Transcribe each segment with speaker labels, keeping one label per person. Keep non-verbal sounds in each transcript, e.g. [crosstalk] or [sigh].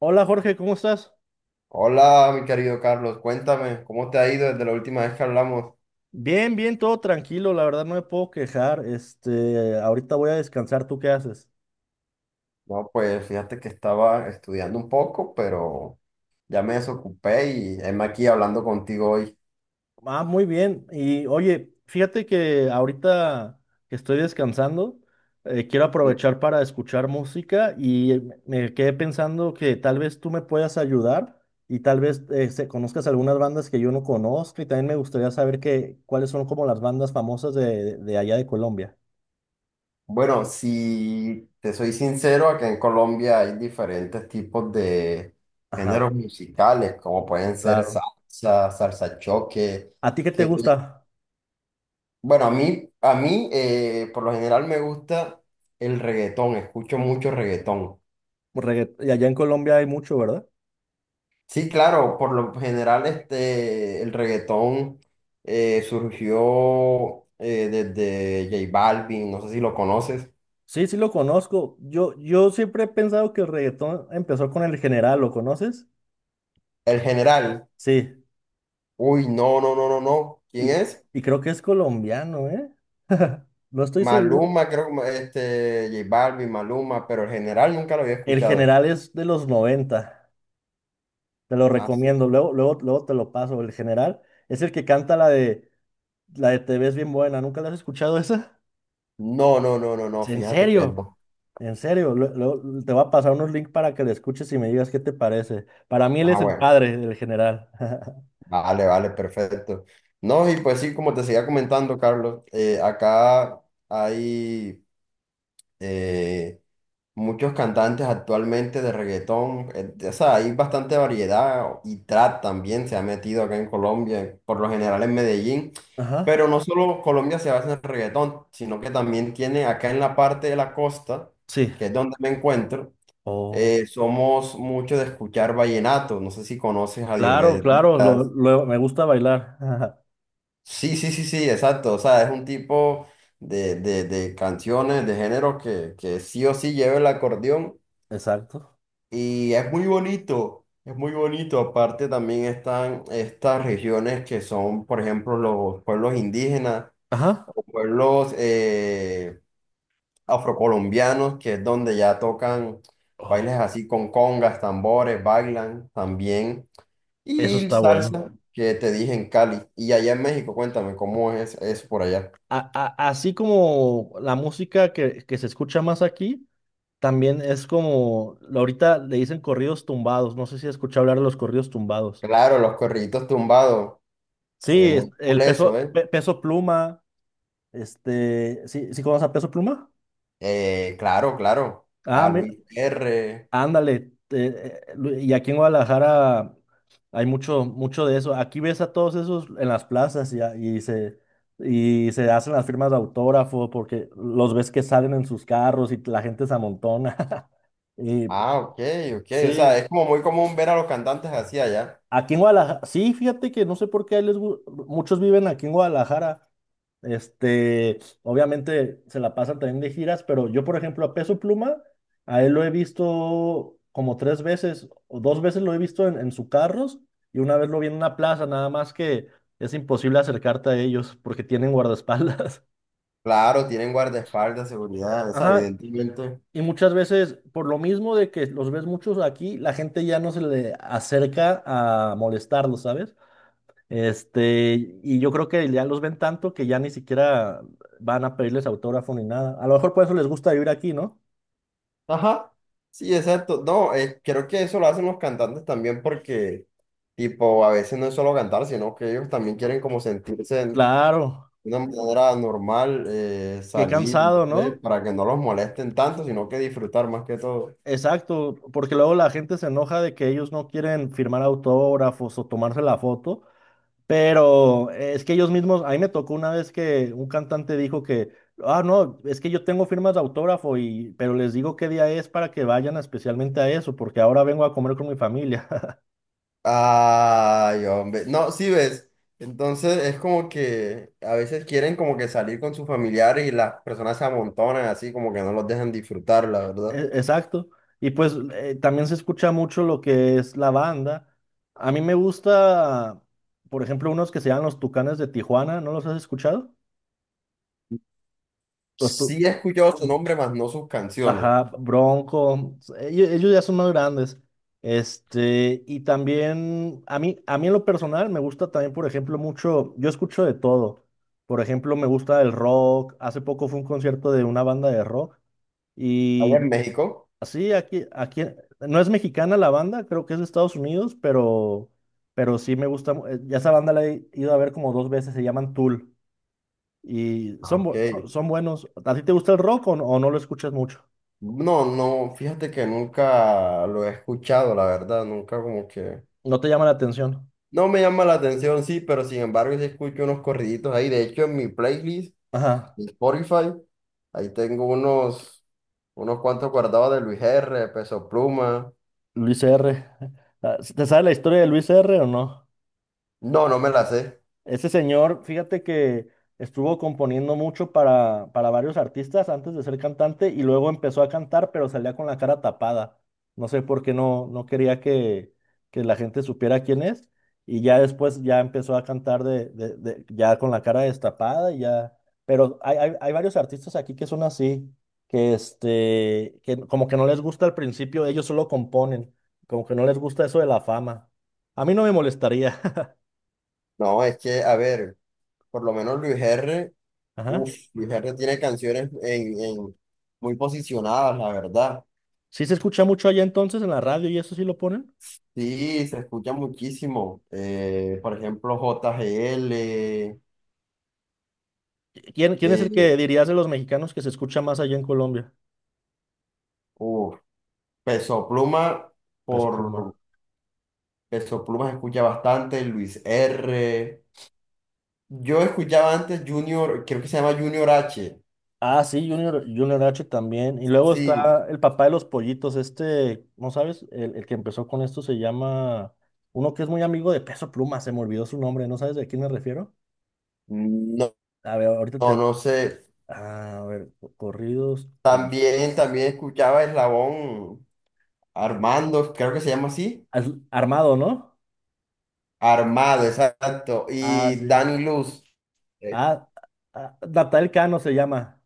Speaker 1: Hola Jorge, ¿cómo estás?
Speaker 2: Hola, mi querido Carlos, cuéntame, ¿cómo te ha ido desde la última vez que hablamos?
Speaker 1: Bien, bien, todo tranquilo, la verdad no me puedo quejar. Este, ahorita voy a descansar, ¿tú qué haces?
Speaker 2: No, pues fíjate que estaba estudiando un poco, pero ya me desocupé y heme aquí hablando contigo hoy.
Speaker 1: Ah, muy bien. Y oye, fíjate que ahorita que estoy descansando, quiero
Speaker 2: Eh,
Speaker 1: aprovechar para escuchar música y me quedé pensando que tal vez tú me puedas ayudar y tal vez conozcas algunas bandas que yo no conozco y también me gustaría saber cuáles son como las bandas famosas de allá de Colombia.
Speaker 2: Bueno, si te soy sincero, acá en Colombia hay diferentes tipos de géneros
Speaker 1: Ajá,
Speaker 2: musicales, como pueden ser
Speaker 1: claro.
Speaker 2: salsa, salsa choque,
Speaker 1: ¿A ti qué te
Speaker 2: que
Speaker 1: gusta?
Speaker 2: bueno, a mí por lo general me gusta el reggaetón, escucho mucho reggaetón.
Speaker 1: Y allá en Colombia hay mucho, ¿verdad?
Speaker 2: Sí, claro, por lo general este, el reggaetón surgió desde J Balvin, no sé si lo conoces.
Speaker 1: Sí, sí lo conozco. Yo siempre he pensado que el reggaetón empezó con el general, ¿lo conoces?
Speaker 2: El general,
Speaker 1: Sí,
Speaker 2: uy, no, no, no, no, no. ¿Quién
Speaker 1: y,
Speaker 2: es?
Speaker 1: y creo que es colombiano, ¿eh? [laughs] No estoy seguro.
Speaker 2: Maluma, creo que este, J Balvin, Maluma, pero el general nunca lo había
Speaker 1: El
Speaker 2: escuchado.
Speaker 1: general es de los 90. Te lo
Speaker 2: Ah,
Speaker 1: recomiendo, luego, luego, luego te lo paso. El general es el que canta la de Te ves bien buena, ¿nunca la has escuchado esa?
Speaker 2: no, no, no, no, no,
Speaker 1: En
Speaker 2: fíjate que
Speaker 1: serio,
Speaker 2: no.
Speaker 1: en serio, luego te voy a pasar unos links para que la escuches y me digas qué te parece. Para mí él es
Speaker 2: Ah,
Speaker 1: el
Speaker 2: bueno,
Speaker 1: padre del general. [laughs]
Speaker 2: vale, vale, perfecto. No, y pues sí, como te seguía comentando, Carlos, acá hay... eh, muchos cantantes actualmente de reggaetón, o sea, hay bastante variedad y trap también se ha metido acá en Colombia, por lo general en Medellín,
Speaker 1: Ajá,
Speaker 2: pero no solo Colombia se basa en reggaetón, sino que también tiene acá en la parte de la costa,
Speaker 1: sí.
Speaker 2: que es donde me encuentro,
Speaker 1: Oh,
Speaker 2: somos muchos de escuchar vallenato, no sé si conoces a
Speaker 1: claro,
Speaker 2: Diomedes
Speaker 1: claro,
Speaker 2: Díaz.
Speaker 1: me gusta bailar. [laughs] Ajá,
Speaker 2: Sí, sí, sí, sí, exacto, o sea, es un tipo... De canciones de género que sí o sí lleva el acordeón.
Speaker 1: exacto.
Speaker 2: Y es muy bonito, es muy bonito. Aparte también están estas regiones que son, por ejemplo, los pueblos indígenas
Speaker 1: Ajá.
Speaker 2: o pueblos afrocolombianos, que es donde ya tocan
Speaker 1: Oh,
Speaker 2: bailes así con congas, tambores, bailan también.
Speaker 1: eso
Speaker 2: Y el
Speaker 1: está bueno.
Speaker 2: salsa, que te dije en Cali. Y allá en México, cuéntame, ¿cómo es eso por allá?
Speaker 1: Así como la música que se escucha más aquí, también es como, ahorita le dicen corridos tumbados. No sé si has escuchado hablar de los corridos tumbados.
Speaker 2: Claro, los corriditos tumbados,
Speaker 1: Sí,
Speaker 2: muy cool eso, ¿eh?
Speaker 1: Peso Pluma, este, ¿sí, sí conoces a Peso Pluma?
Speaker 2: Claro, claro.
Speaker 1: Ah,
Speaker 2: A Luis R.
Speaker 1: ándale, eh, eh, y aquí en Guadalajara hay mucho, mucho de eso. Aquí ves a todos esos en las plazas y, y se hacen las firmas de autógrafo porque los ves que salen en sus carros y la gente se amontona. [laughs] Y
Speaker 2: Ah, ok, ok. O
Speaker 1: sí,
Speaker 2: sea, es como muy común ver a los cantantes así allá.
Speaker 1: aquí en Guadalajara, sí, fíjate que no sé por qué muchos viven aquí en Guadalajara. Este, obviamente se la pasan también de giras, pero yo, por ejemplo, a Peso Pluma, a él lo he visto como tres veces o dos veces lo he visto en sus carros y una vez lo vi en una plaza, nada más que es imposible acercarte a ellos porque tienen guardaespaldas.
Speaker 2: Claro, tienen guardaespaldas,
Speaker 1: [laughs]
Speaker 2: seguridad, o sea,
Speaker 1: Ajá,
Speaker 2: evidentemente.
Speaker 1: y muchas veces, por lo mismo de que los ves muchos aquí, la gente ya no se le acerca a molestarlos, ¿sabes? Este, y yo creo que ya los ven tanto que ya ni siquiera van a pedirles autógrafo ni nada. A lo mejor por eso les gusta vivir aquí, ¿no?
Speaker 2: Ajá. Sí, exacto. No, creo que eso lo hacen los cantantes también porque, tipo, a veces no es solo cantar, sino que ellos también quieren como sentirse en-
Speaker 1: Claro,
Speaker 2: de una manera normal,
Speaker 1: qué
Speaker 2: salir, no
Speaker 1: cansado,
Speaker 2: sé,
Speaker 1: ¿no?
Speaker 2: para que no los molesten tanto, sino que disfrutar más que todo.
Speaker 1: Exacto, porque luego la gente se enoja de que ellos no quieren firmar autógrafos o tomarse la foto, pero es que ellos mismos, a mí me tocó una vez que un cantante dijo que, ah, no, es que yo tengo firmas de autógrafo pero les digo qué día es para que vayan especialmente a eso, porque ahora vengo a comer con mi familia.
Speaker 2: Ay, hombre. No, sí ves. Entonces es como que a veces quieren como que salir con sus familiares y las personas se amontonan así como que no los dejan disfrutar, la verdad.
Speaker 1: Exacto. Y pues también se escucha mucho lo que es la banda. A mí me gusta, por ejemplo, unos que se llaman los Tucanes de Tijuana. ¿No los has escuchado? Los tu-
Speaker 2: Sí he escuchado su nombre, más no sus canciones.
Speaker 1: Ajá, Bronco. Ellos ya son más grandes. Este, y también a mí, en lo personal me gusta también, por ejemplo, mucho, yo escucho de todo. Por ejemplo, me gusta el rock. Hace poco fue un concierto de una banda de rock.
Speaker 2: Allá
Speaker 1: Y
Speaker 2: en México.
Speaker 1: Sí, aquí, no es mexicana la banda, creo que es de Estados Unidos, pero sí me gusta. Ya esa banda la he ido a ver como dos veces, se llaman Tool y
Speaker 2: Ah,
Speaker 1: son,
Speaker 2: ok.
Speaker 1: bu- son, son buenos. ¿A ti te gusta el rock o no lo escuchas mucho?
Speaker 2: No, no, fíjate que nunca lo he escuchado, la verdad. Nunca como que...
Speaker 1: ¿No te llama la atención?
Speaker 2: No me llama la atención, sí, pero sin embargo sí escucho unos corriditos ahí. De hecho, en mi playlist...
Speaker 1: Ajá,
Speaker 2: mi Spotify. Ahí tengo unos, unos cuantos guardados de Luis R, Peso Pluma.
Speaker 1: Luis R. [laughs] Ah, ¿te sabes la historia de Luis R o no?
Speaker 2: No, no me la sé.
Speaker 1: Ese señor, fíjate que estuvo componiendo mucho para varios artistas antes de ser cantante y luego empezó a cantar, pero salía con la cara tapada. No sé por qué no, no quería que la gente supiera quién es. Y ya después ya empezó a cantar ya con la cara destapada y ya. Pero hay varios artistas aquí que son así, que este, que como que no les gusta al principio, ellos solo componen, como que no les gusta eso de la fama. A mí no me molestaría.
Speaker 2: No, es que, a ver, por lo menos Luis R,
Speaker 1: [laughs] Ajá.
Speaker 2: uff, Luis R tiene canciones en- muy posicionadas, la verdad.
Speaker 1: ¿Sí se escucha mucho allá entonces en la radio y eso sí lo ponen?
Speaker 2: Sí, se escucha muchísimo. Por ejemplo, JGL,
Speaker 1: ¿Quién es el que
Speaker 2: eh,
Speaker 1: dirías de los mexicanos que se escucha más allá en Colombia?
Speaker 2: uf, Peso Pluma,
Speaker 1: Peso
Speaker 2: por
Speaker 1: Pluma.
Speaker 2: Peso Pluma se escucha bastante, Luis R. Yo escuchaba antes Junior, creo que se llama Junior H.
Speaker 1: Ah, sí, Junior H también. Y luego
Speaker 2: Sí,
Speaker 1: está el papá de los pollitos, este, ¿no sabes? El que empezó con esto se llama, uno que es muy amigo de Peso Pluma, se me olvidó su nombre, ¿no sabes de quién me refiero?
Speaker 2: no,
Speaker 1: A ver, ahorita te...
Speaker 2: no, no sé.
Speaker 1: A ver, corridos.
Speaker 2: También, también escuchaba Eslabón Armando, creo que se llama así.
Speaker 1: Armado, ¿no?
Speaker 2: Armado, exacto.
Speaker 1: Ah,
Speaker 2: Y
Speaker 1: sí.
Speaker 2: Dani Luz. eh,
Speaker 1: Ah, ah, Natal Cano se llama.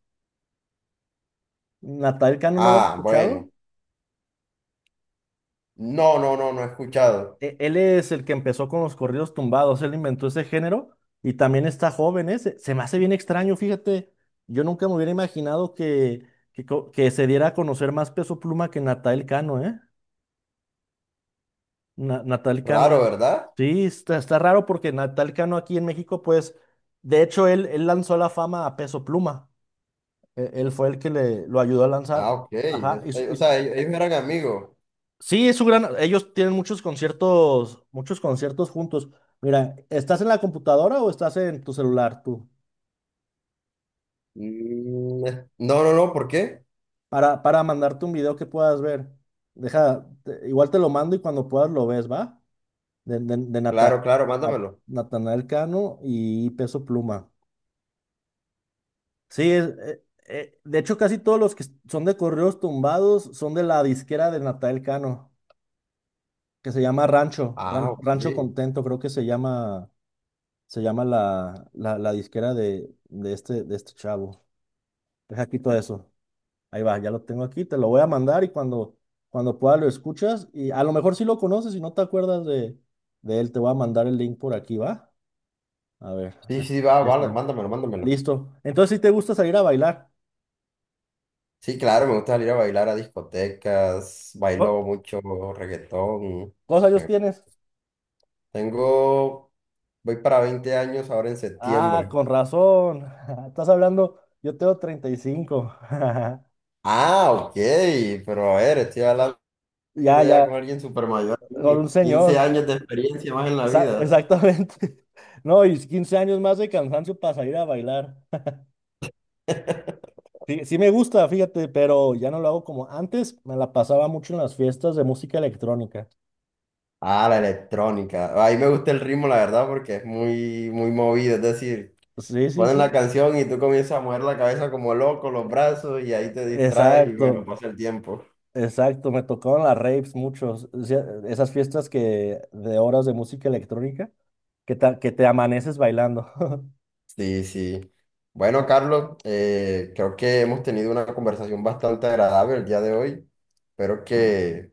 Speaker 1: ¿Natal Cano no lo has
Speaker 2: Ah,
Speaker 1: escuchado?
Speaker 2: bueno. No, no, no, no he escuchado.
Speaker 1: Él es el que empezó con los corridos tumbados, él inventó ese género y también está joven, ¿eh? Se me hace bien extraño, fíjate, yo nunca me hubiera imaginado que se diera a conocer más Peso Pluma que Natal Cano, ¿eh? Natal Cano,
Speaker 2: Raro, ¿verdad?
Speaker 1: sí, está raro porque Natal Cano aquí en México, pues, de hecho, él lanzó la fama a Peso Pluma, él fue el que lo ayudó a
Speaker 2: Ah,
Speaker 1: lanzar,
Speaker 2: ok.
Speaker 1: ajá,
Speaker 2: Es- O sea, ellos eran amigos.
Speaker 1: sí, es su gran. Ellos tienen muchos conciertos juntos. Mira, ¿estás en la computadora o estás en tu celular tú?
Speaker 2: Mm, es- No, no, no, ¿por qué?
Speaker 1: Para mandarte un video que puedas ver. Deja, igual te lo mando y cuando puedas lo ves, ¿va? De, de, de Nata-
Speaker 2: Claro, claro,
Speaker 1: Na-
Speaker 2: mándamelo.
Speaker 1: Natanael Cano y Peso Pluma. Sí, de hecho casi todos los que son de correos tumbados son de la disquera de Natanael Cano, que se llama Rancho,
Speaker 2: Ah,
Speaker 1: Ran-
Speaker 2: ok.
Speaker 1: Rancho Contento, creo que se llama. Se llama la disquera de este chavo. Deja aquí todo eso. Ahí va, ya lo tengo aquí, te lo voy a mandar y cuando pueda lo escuchas. Y a lo mejor sí lo conoces y no te acuerdas de él, te voy a mandar el link por aquí, ¿va? A ver,
Speaker 2: Sí,
Speaker 1: aquí,
Speaker 2: sí, va,
Speaker 1: aquí
Speaker 2: va,
Speaker 1: está.
Speaker 2: mándamelo, mándamelo.
Speaker 1: Listo. Entonces, si te gusta salir a bailar,
Speaker 2: Sí, claro, me gusta salir a bailar a discotecas, bailo
Speaker 1: Co-
Speaker 2: mucho reggaetón.
Speaker 1: ¿cuántos años
Speaker 2: eh,
Speaker 1: tienes?
Speaker 2: Tengo, voy para 20 años ahora en
Speaker 1: Ah,
Speaker 2: septiembre.
Speaker 1: con razón. [laughs] Estás hablando, yo tengo 35. [laughs]
Speaker 2: Ah, ok, pero a ver, estoy hablando
Speaker 1: Ya,
Speaker 2: ya
Speaker 1: ya,
Speaker 2: con alguien súper mayor.
Speaker 1: con un
Speaker 2: Aquí, 15
Speaker 1: señor.
Speaker 2: años de experiencia más en la vida.
Speaker 1: Exactamente. [laughs] No, y 15 años más de cansancio para salir a bailar. [laughs] Sí, sí me gusta, fíjate, pero ya no lo hago como antes. Me la pasaba mucho en las fiestas de música electrónica.
Speaker 2: Ah, la electrónica. Ahí me gusta el ritmo, la verdad, porque es muy, muy movido. Es decir,
Speaker 1: Sí, sí,
Speaker 2: ponen la
Speaker 1: sí.
Speaker 2: canción y tú comienzas a mover la cabeza como loco, los brazos, y ahí te distraes y bueno,
Speaker 1: Exacto,
Speaker 2: pasa el tiempo.
Speaker 1: exacto. Me tocaban las raves muchos. O sea, esas fiestas que de horas de música electrónica que te amaneces bailando. [laughs]
Speaker 2: Sí, sí. Bueno,
Speaker 1: Ah,
Speaker 2: Carlos, creo que hemos tenido una conversación bastante agradable el día de hoy. Espero que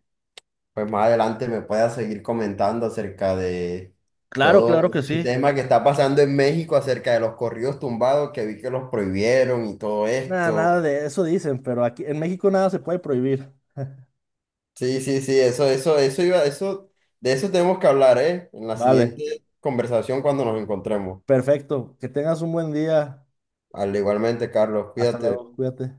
Speaker 2: pues más adelante me puedas seguir comentando acerca de
Speaker 1: claro,
Speaker 2: todo
Speaker 1: claro que
Speaker 2: este
Speaker 1: sí.
Speaker 2: tema que está pasando en México, acerca de los corridos tumbados que vi que los prohibieron y todo
Speaker 1: Nada,
Speaker 2: esto.
Speaker 1: nada de eso dicen, pero aquí en México nada se puede prohibir.
Speaker 2: Sí, sí, sí, eso iba, eso, de eso tenemos que hablar, ¿eh? En la
Speaker 1: Vale,
Speaker 2: siguiente conversación cuando nos encontremos.
Speaker 1: perfecto. Que tengas un buen día.
Speaker 2: Al igualmente, Carlos,
Speaker 1: Hasta
Speaker 2: cuídate.
Speaker 1: luego, cuídate.